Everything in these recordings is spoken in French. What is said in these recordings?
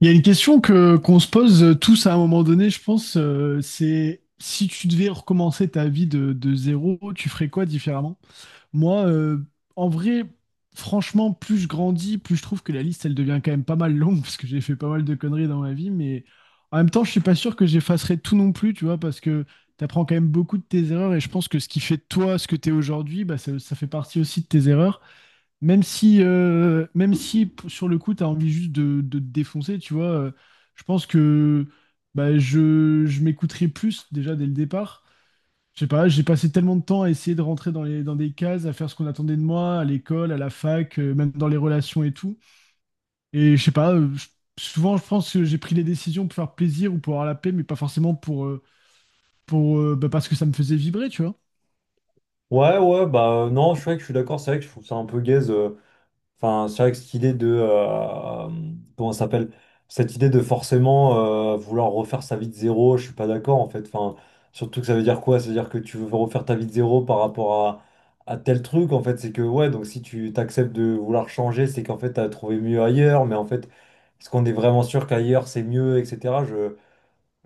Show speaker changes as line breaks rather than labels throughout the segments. Il y a une question que qu'on se pose tous à un moment donné, je pense, c'est si tu devais recommencer ta vie de zéro, tu ferais quoi différemment? Moi, en vrai, franchement, plus je grandis, plus je trouve que la liste, elle devient quand même pas mal longue parce que j'ai fait pas mal de conneries dans ma vie, mais en même temps, je suis pas sûr que j'effacerais tout non plus, tu vois, parce que tu apprends quand même beaucoup de tes erreurs et je pense que ce qui fait de toi ce que tu es aujourd'hui, bah, ça fait partie aussi de tes erreurs. Même si sur le coup, tu as envie juste de te défoncer, tu vois, je pense que bah, je m'écouterai plus déjà dès le départ. Je sais pas, j'ai passé tellement de temps à essayer de rentrer dans dans des cases, à faire ce qu'on attendait de moi, à l'école, à la fac, même dans les relations et tout. Et je sais pas, souvent je pense que j'ai pris les décisions pour faire plaisir ou pour avoir la paix, mais pas forcément pour, bah, parce que ça me faisait vibrer, tu vois.
Ouais, ouais, bah non, je suis vrai que je suis d'accord, c'est vrai que je trouve ça un peu gaze. Enfin, c'est vrai que cette idée de, comment ça s'appelle? Cette idée de forcément vouloir refaire sa vie de zéro, je suis pas d'accord en fait. Enfin, surtout que ça veut dire quoi? Ça veut dire que tu veux refaire ta vie de zéro par rapport à, tel truc en fait. C'est que ouais, donc si tu t'acceptes de vouloir changer, c'est qu'en fait t'as trouvé mieux ailleurs, mais en fait, est-ce qu'on est vraiment sûr qu'ailleurs c'est mieux, etc.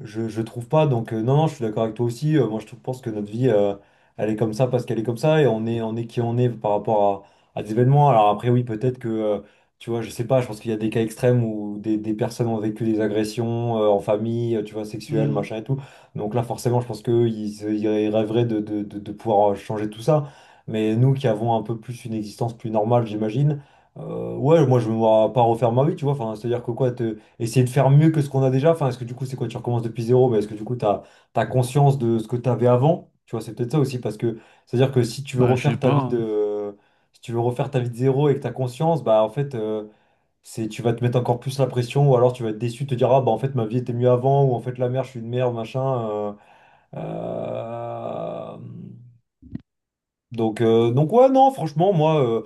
Je trouve pas, donc non, non, je suis d'accord avec toi aussi. Moi, pense que notre vie, elle est comme ça parce qu'elle est comme ça et on est qui on est par rapport à des événements. Alors après, oui, peut-être que, tu vois, je sais pas, je pense qu'il y a des cas extrêmes où des personnes ont vécu des agressions en famille, tu vois, sexuelles,
Hmm.
machin et tout. Donc là, forcément, je pense qu'eux, ils rêveraient de pouvoir changer tout ça. Mais nous qui avons un peu plus une existence plus normale, j'imagine, ouais, moi, je me vois pas refaire ma vie, tu vois. Enfin, c'est-à-dire que quoi, te essayer de faire mieux que ce qu'on a déjà? Enfin, est-ce que du coup, c'est quoi, tu recommences depuis zéro, mais est-ce que du coup, tu as conscience de ce que tu avais avant? Tu vois, c'est peut-être ça aussi, parce que c'est-à-dire que si tu veux
Bah, je sais
refaire ta
pas,
vie
hein.
de, si tu veux refaire ta vie de zéro et que tu as conscience, bah en fait, c'est, tu vas te mettre encore plus la pression, ou alors tu vas être déçu, te dire, ah bah en fait, ma vie était mieux avant, ou en fait, la merde, je suis une merde, machin. euh, euh, donc ouais, non, franchement, moi, euh,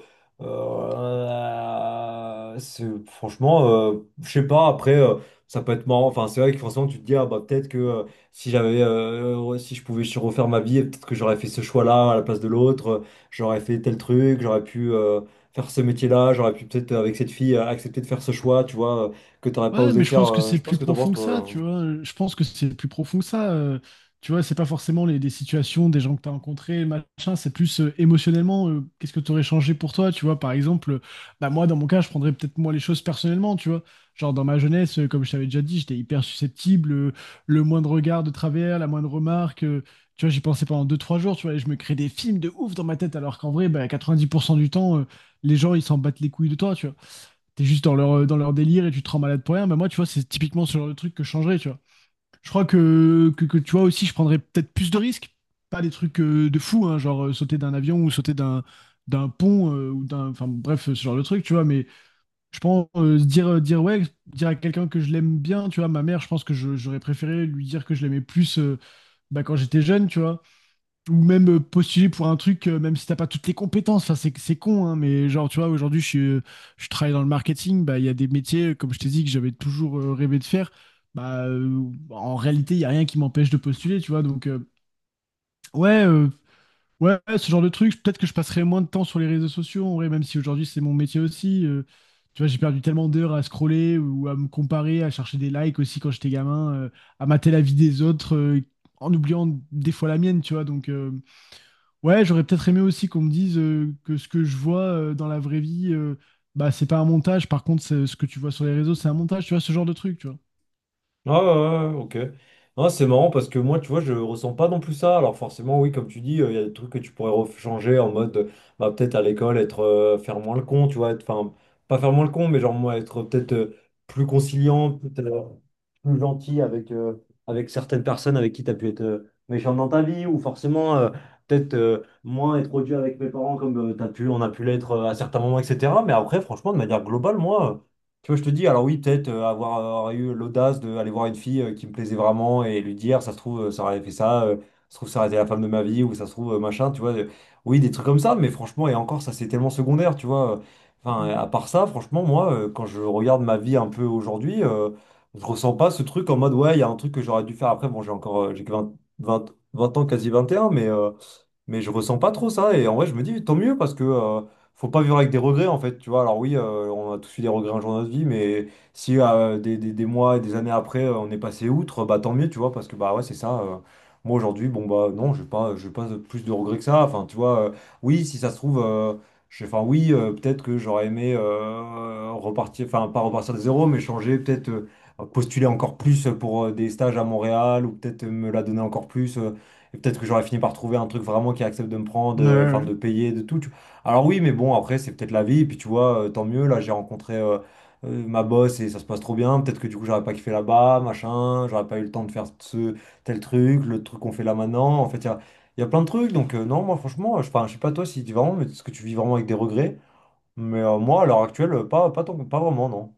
euh, c'est- franchement, je sais pas, après, ça peut être marrant. Enfin, c'est vrai que forcément, tu te dis, ah bah peut-être que si j'avais, ouais, si je pouvais refaire ma vie, peut-être que j'aurais fait ce choix-là à la place de l'autre, j'aurais fait tel truc, j'aurais pu faire ce métier-là, j'aurais pu peut-être, avec cette fille, accepter de faire ce choix, tu vois, que t'aurais pas
Ouais,
osé
mais je
faire.
pense que c'est
Je
plus
pense que t'en penses,
profond que ça,
toi.
tu vois. Je pense que c'est plus profond que ça. Tu vois, c'est pas forcément des situations, des gens que tu as rencontrés, machin. C'est plus émotionnellement, qu'est-ce que tu aurais changé pour toi, tu vois. Par exemple, bah moi, dans mon cas, je prendrais peut-être moi les choses personnellement, tu vois. Genre, dans ma jeunesse, comme je t'avais déjà dit, j'étais hyper susceptible. Le moindre regard de travers, la moindre remarque, tu vois, j'y pensais pendant deux, trois jours, tu vois. Et je me crée des films de ouf dans ma tête, alors qu'en vrai, bah, 90% du temps, les gens, ils s'en battent les couilles de toi, tu vois. T'es juste dans dans leur délire et tu te rends malade pour rien. Mais moi, tu vois, c'est typiquement ce genre de truc que je changerais, tu vois. Je crois que tu vois aussi, je prendrais peut-être plus de risques. Pas des trucs de fou, hein, genre sauter d'un avion ou sauter d'un pont ou d'un. Enfin bref, ce genre de truc, tu vois. Mais je pense se dire, dire ouais, dire à quelqu'un que je l'aime bien, tu vois. Ma mère, je pense que j'aurais préféré lui dire que je l'aimais plus bah, quand j'étais jeune, tu vois ou même postuler pour un truc, même si t'as pas toutes les compétences. Enfin, c'est con, hein, mais genre, tu vois, aujourd'hui, je travaille dans le marketing. Bah, il y a des métiers, comme je t'ai dit, que j'avais toujours rêvé de faire. Bah, en réalité, il y a rien qui m'empêche de postuler, tu vois. Donc, ouais, euh, ouais, ce genre de truc. Peut-être que je passerai moins de temps sur les réseaux sociaux, en vrai, même si aujourd'hui, c'est mon métier aussi. Tu vois, j'ai perdu tellement d'heures à scroller ou à me comparer, à chercher des likes aussi quand j'étais gamin, à mater la vie des autres, en oubliant des fois la mienne, tu vois. Donc, ouais, j'aurais peut-être aimé aussi qu'on me dise que ce que je vois dans la vraie vie, bah c'est pas un montage. Par contre, ce que tu vois sur les réseaux, c'est un montage. Tu vois ce genre de truc, tu vois.
Ah ouais, ouais, ouais, ok. Non, c'est marrant parce que moi, tu vois, je ressens pas non plus ça. Alors forcément, oui, comme tu dis, il y a des trucs que tu pourrais changer en mode, bah, peut-être à l'école, être faire moins le con, tu vois, enfin, pas faire moins le con, mais genre moi, être peut-être plus conciliant, peut-être, plus gentil avec, avec certaines personnes avec qui tu as pu être méchant dans ta vie, ou forcément, peut-être moins être odieux avec mes parents comme t'as pu, on a pu l'être à certains moments, etc. Mais après, franchement, de manière globale, moi... Tu vois, je te dis, alors oui, peut-être avoir eu l'audace d'aller voir une fille qui me plaisait vraiment et lui dire, ça se trouve, ça aurait fait ça, ça se trouve, ça aurait été la femme de ma vie, ou ça se trouve, machin, tu vois. Oui, des trucs comme ça, mais franchement, et encore, ça, c'est tellement secondaire, tu vois. Enfin,
Mm.
à part ça, franchement, moi, quand je regarde ma vie un peu aujourd'hui, je ressens pas ce truc en mode, ouais, il y a un truc que j'aurais dû faire après. Bon, j'ai encore, j'ai que 20, 20 20 ans, quasi 21, mais je ressens pas trop ça. Et en vrai, je me dis, tant mieux, parce que faut pas vivre avec des regrets, en fait. Tu vois, alors oui, on a tous eu des regrets un jour de notre vie, mais si des mois et des années après, on est passé outre, bah tant mieux, tu vois, parce que bah ouais, c'est ça. Moi, aujourd'hui, bon, bah non, je pas plus de regrets que ça. Enfin, tu vois, oui, si ça se trouve, enfin, oui, peut-être que j'aurais aimé repartir, enfin, pas repartir de zéro, mais changer, peut-être postuler encore plus pour des stages à Montréal, ou peut-être me la donner encore plus. Et peut-être que j'aurais fini par trouver un truc vraiment qui accepte de me prendre,
Ouais, ouais,
enfin
ouais.
de payer, de tout. Alors oui, mais bon, après, c'est peut-être la vie. Et puis tu vois, tant mieux. Là, j'ai rencontré ma boss et ça se passe trop bien. Peut-être que du coup, j'aurais pas kiffé là-bas, machin. J'aurais pas eu le temps de faire ce tel truc, le truc qu'on fait là maintenant. En fait, il y a plein de trucs. Donc non, moi, franchement, enfin, je sais pas toi si tu vraiment, mais est-ce que tu vis vraiment avec des regrets? Mais moi, à l'heure actuelle, pas vraiment, non.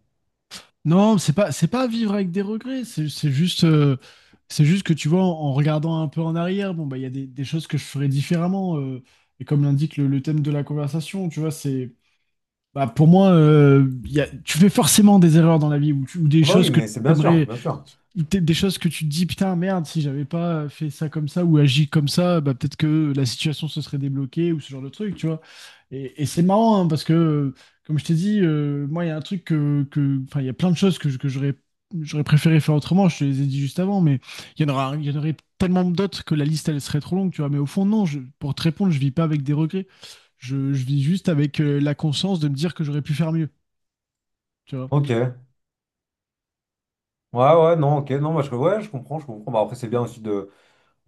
Non, c'est pas vivre avec des regrets. C'est juste c'est juste que tu vois en regardant un peu en arrière, bon bah il y a des choses que je ferais différemment. Et comme l'indique le thème de la conversation, tu vois, c'est bah pour moi il y a- tu fais forcément des erreurs dans la vie ou, ou des
Ah bah
choses
oui,
que
mais c'est
tu
bien sûr, bien sûr.
des choses que tu te dis, putain, merde, si j'avais pas fait ça comme ça ou agi comme ça, bah, peut-être que la situation se serait débloquée ou ce genre de truc, tu vois. Et c'est marrant hein, parce que, comme je t'ai dit, moi, il y a un truc enfin, il y a plein de choses que j'aurais préféré faire autrement, je te les ai dit juste avant, mais il y en aurait tellement d'autres que la liste, elle serait trop longue, tu vois. Mais au fond, non, pour te répondre, je vis pas avec des regrets. Je vis juste avec la conscience de me dire que j'aurais pu faire mieux, tu vois.
Ok. Ouais, ouais, non, ok. Non, moi, ouais, je comprends, je comprends. Bah, après, c'est bien aussi de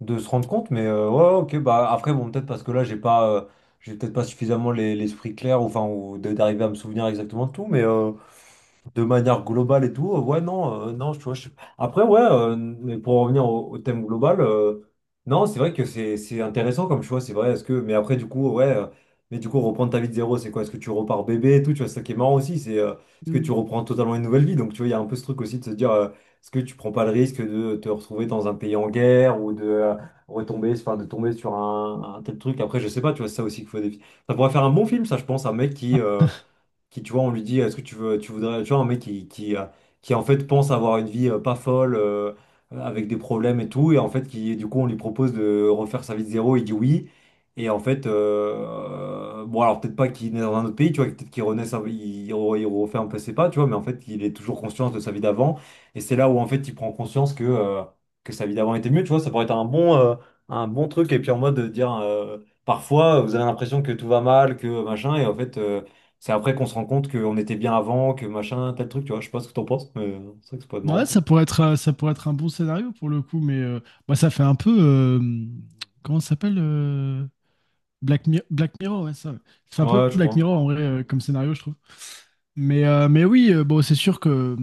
se rendre compte, mais ouais, ok, bah après, bon, peut-être parce que là, j'ai pas, j'ai peut-être pas suffisamment l'esprit clair, ou enfin, d'arriver à me souvenir exactement de tout, mais, de manière globale et tout, ouais, non, non, tu vois, Après, ouais, mais pour revenir au thème global, non, c'est vrai que c'est intéressant comme choix, c'est vrai, est-ce que... Mais après, du coup, ouais, mais du coup, reprendre ta vie de zéro, c'est quoi? Est-ce que tu repars bébé et tout, tu vois, c'est ça qui est marrant aussi, c'est est-ce que tu reprends totalement une nouvelle vie? Donc, tu vois, il y a un peu ce truc aussi de se dire, est-ce que tu prends pas le risque de te retrouver dans un pays en guerre ou de retomber, enfin, de tomber sur un tel truc? Après, je sais pas, tu vois, c'est ça aussi qu'il faut Ça pourrait faire un bon film, ça, je pense, un mec qui tu vois on lui dit, est-ce que tu veux, tu voudrais, tu vois, un mec qui en fait pense avoir une vie pas folle avec des problèmes et tout, et en fait qui du coup on lui propose de refaire sa vie de zéro, il dit oui, et en fait bon alors peut-être pas qu'il est dans un autre pays, tu vois, peut-être qu'il renaît il refait un peu ses pas, tu vois, mais en fait il est toujours conscient de sa vie d'avant, et c'est là où en fait il prend conscience que sa vie d'avant était mieux, tu vois. Ça pourrait être un bon truc, et puis en mode de dire parfois, vous avez l'impression que tout va mal, que machin, et en fait, c'est après qu'on se rend compte qu'on était bien avant, que machin, tel truc, tu vois. Je sais pas ce que t'en penses, mais c'est vrai que c'est pas marrant,
Ouais,
quoi.
ça pourrait être un bon scénario pour le coup, mais bah, ça fait un peu. Comment ça s'appelle Black, Black Mirror, ouais, ça. Ça fait un peu
Ouais, je
Black
crois.
Mirror en vrai comme scénario, je trouve. Mais oui, bon, c'est sûr que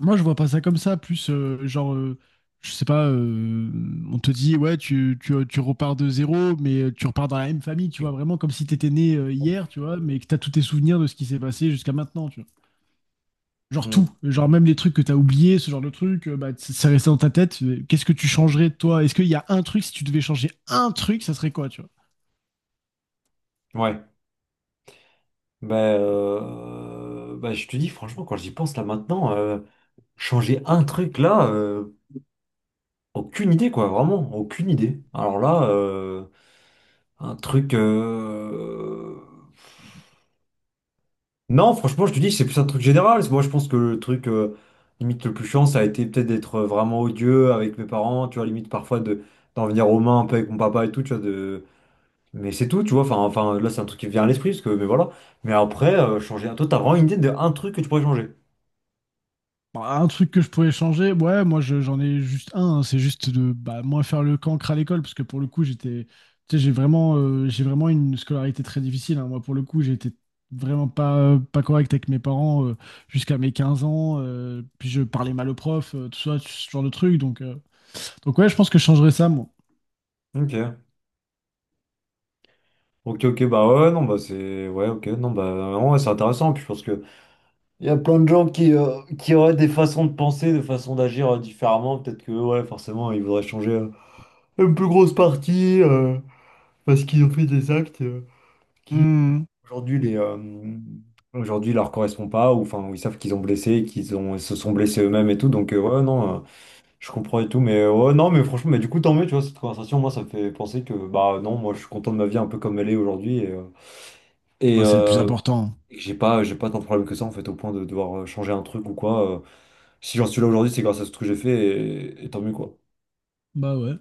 moi, je vois pas ça comme ça. Plus, genre, je sais pas, on te dit, ouais, tu repars de zéro, mais tu repars dans la même famille, tu vois, vraiment comme si t'étais né hier, tu vois, mais que t'as tous tes souvenirs de ce qui s'est passé jusqu'à maintenant. Genre tout,
Hmm.
genre même les trucs que t'as oubliés, ce genre de trucs, bah, c'est resté dans ta tête. Qu'est-ce que tu changerais toi? Est-ce qu'il y a un truc, si tu devais changer un truc, ça serait quoi, tu vois?
Ouais. Bah, je te dis, franchement, quand j'y pense là maintenant, changer un truc là, aucune idée, quoi. Vraiment, aucune idée. Alors là, un truc. Non, franchement, je te dis, c'est plus un truc général. Moi, je pense que le truc limite le plus chiant, ça a été peut-être d'être vraiment odieux avec mes parents, tu vois, limite parfois de d'en venir aux mains un peu avec mon papa et tout, tu vois, de... Mais c'est tout, tu vois, enfin là, c'est un truc qui me vient à l'esprit, parce que, mais voilà. Mais après, changer... Toi, t'as vraiment une idée de un truc que tu pourrais changer.
Bah, un truc que je pourrais changer, ouais, j'en ai juste un, hein, c'est juste de bah, moins faire le cancre à l'école, parce que pour le coup, j'étais, tu sais, j'ai vraiment une scolarité très difficile, hein. Moi, pour le coup, j'ai été vraiment pas, pas correct avec mes parents jusqu'à mes 15 ans, puis je parlais mal aux profs, tout ça, ce genre de truc. Donc ouais, je pense que je changerais ça, moi.
Ok. Ok, ok, bah ouais, non, bah c'est... Ouais, ok, non, bah ouais, c'est intéressant, puis je pense que... Il y a plein de gens qui auraient des façons de penser, des façons d'agir différemment, peut-être que, ouais, forcément, ils voudraient changer une plus grosse partie... parce qu'ils ont fait des actes.
Hmm.
Aujourd'hui, les, euh, aujourd'hui, il leur correspond pas, ou enfin, ils savent qu'ils ont, ils se sont blessés eux-mêmes et tout, donc ouais, non, je comprends et tout, mais ouais, non, mais franchement, mais du coup, tant mieux, tu vois, cette conversation, moi, ça me fait penser que, bah non, moi, je suis content de ma vie un peu comme elle est aujourd'hui, et, euh, et
Bah, c'est le plus
euh,
important.
j'ai pas tant de problèmes que ça, en fait, au point de devoir changer un truc ou quoi. Si j'en suis là aujourd'hui, c'est grâce à ce que j'ai fait, et tant mieux, quoi.
Bah ouais.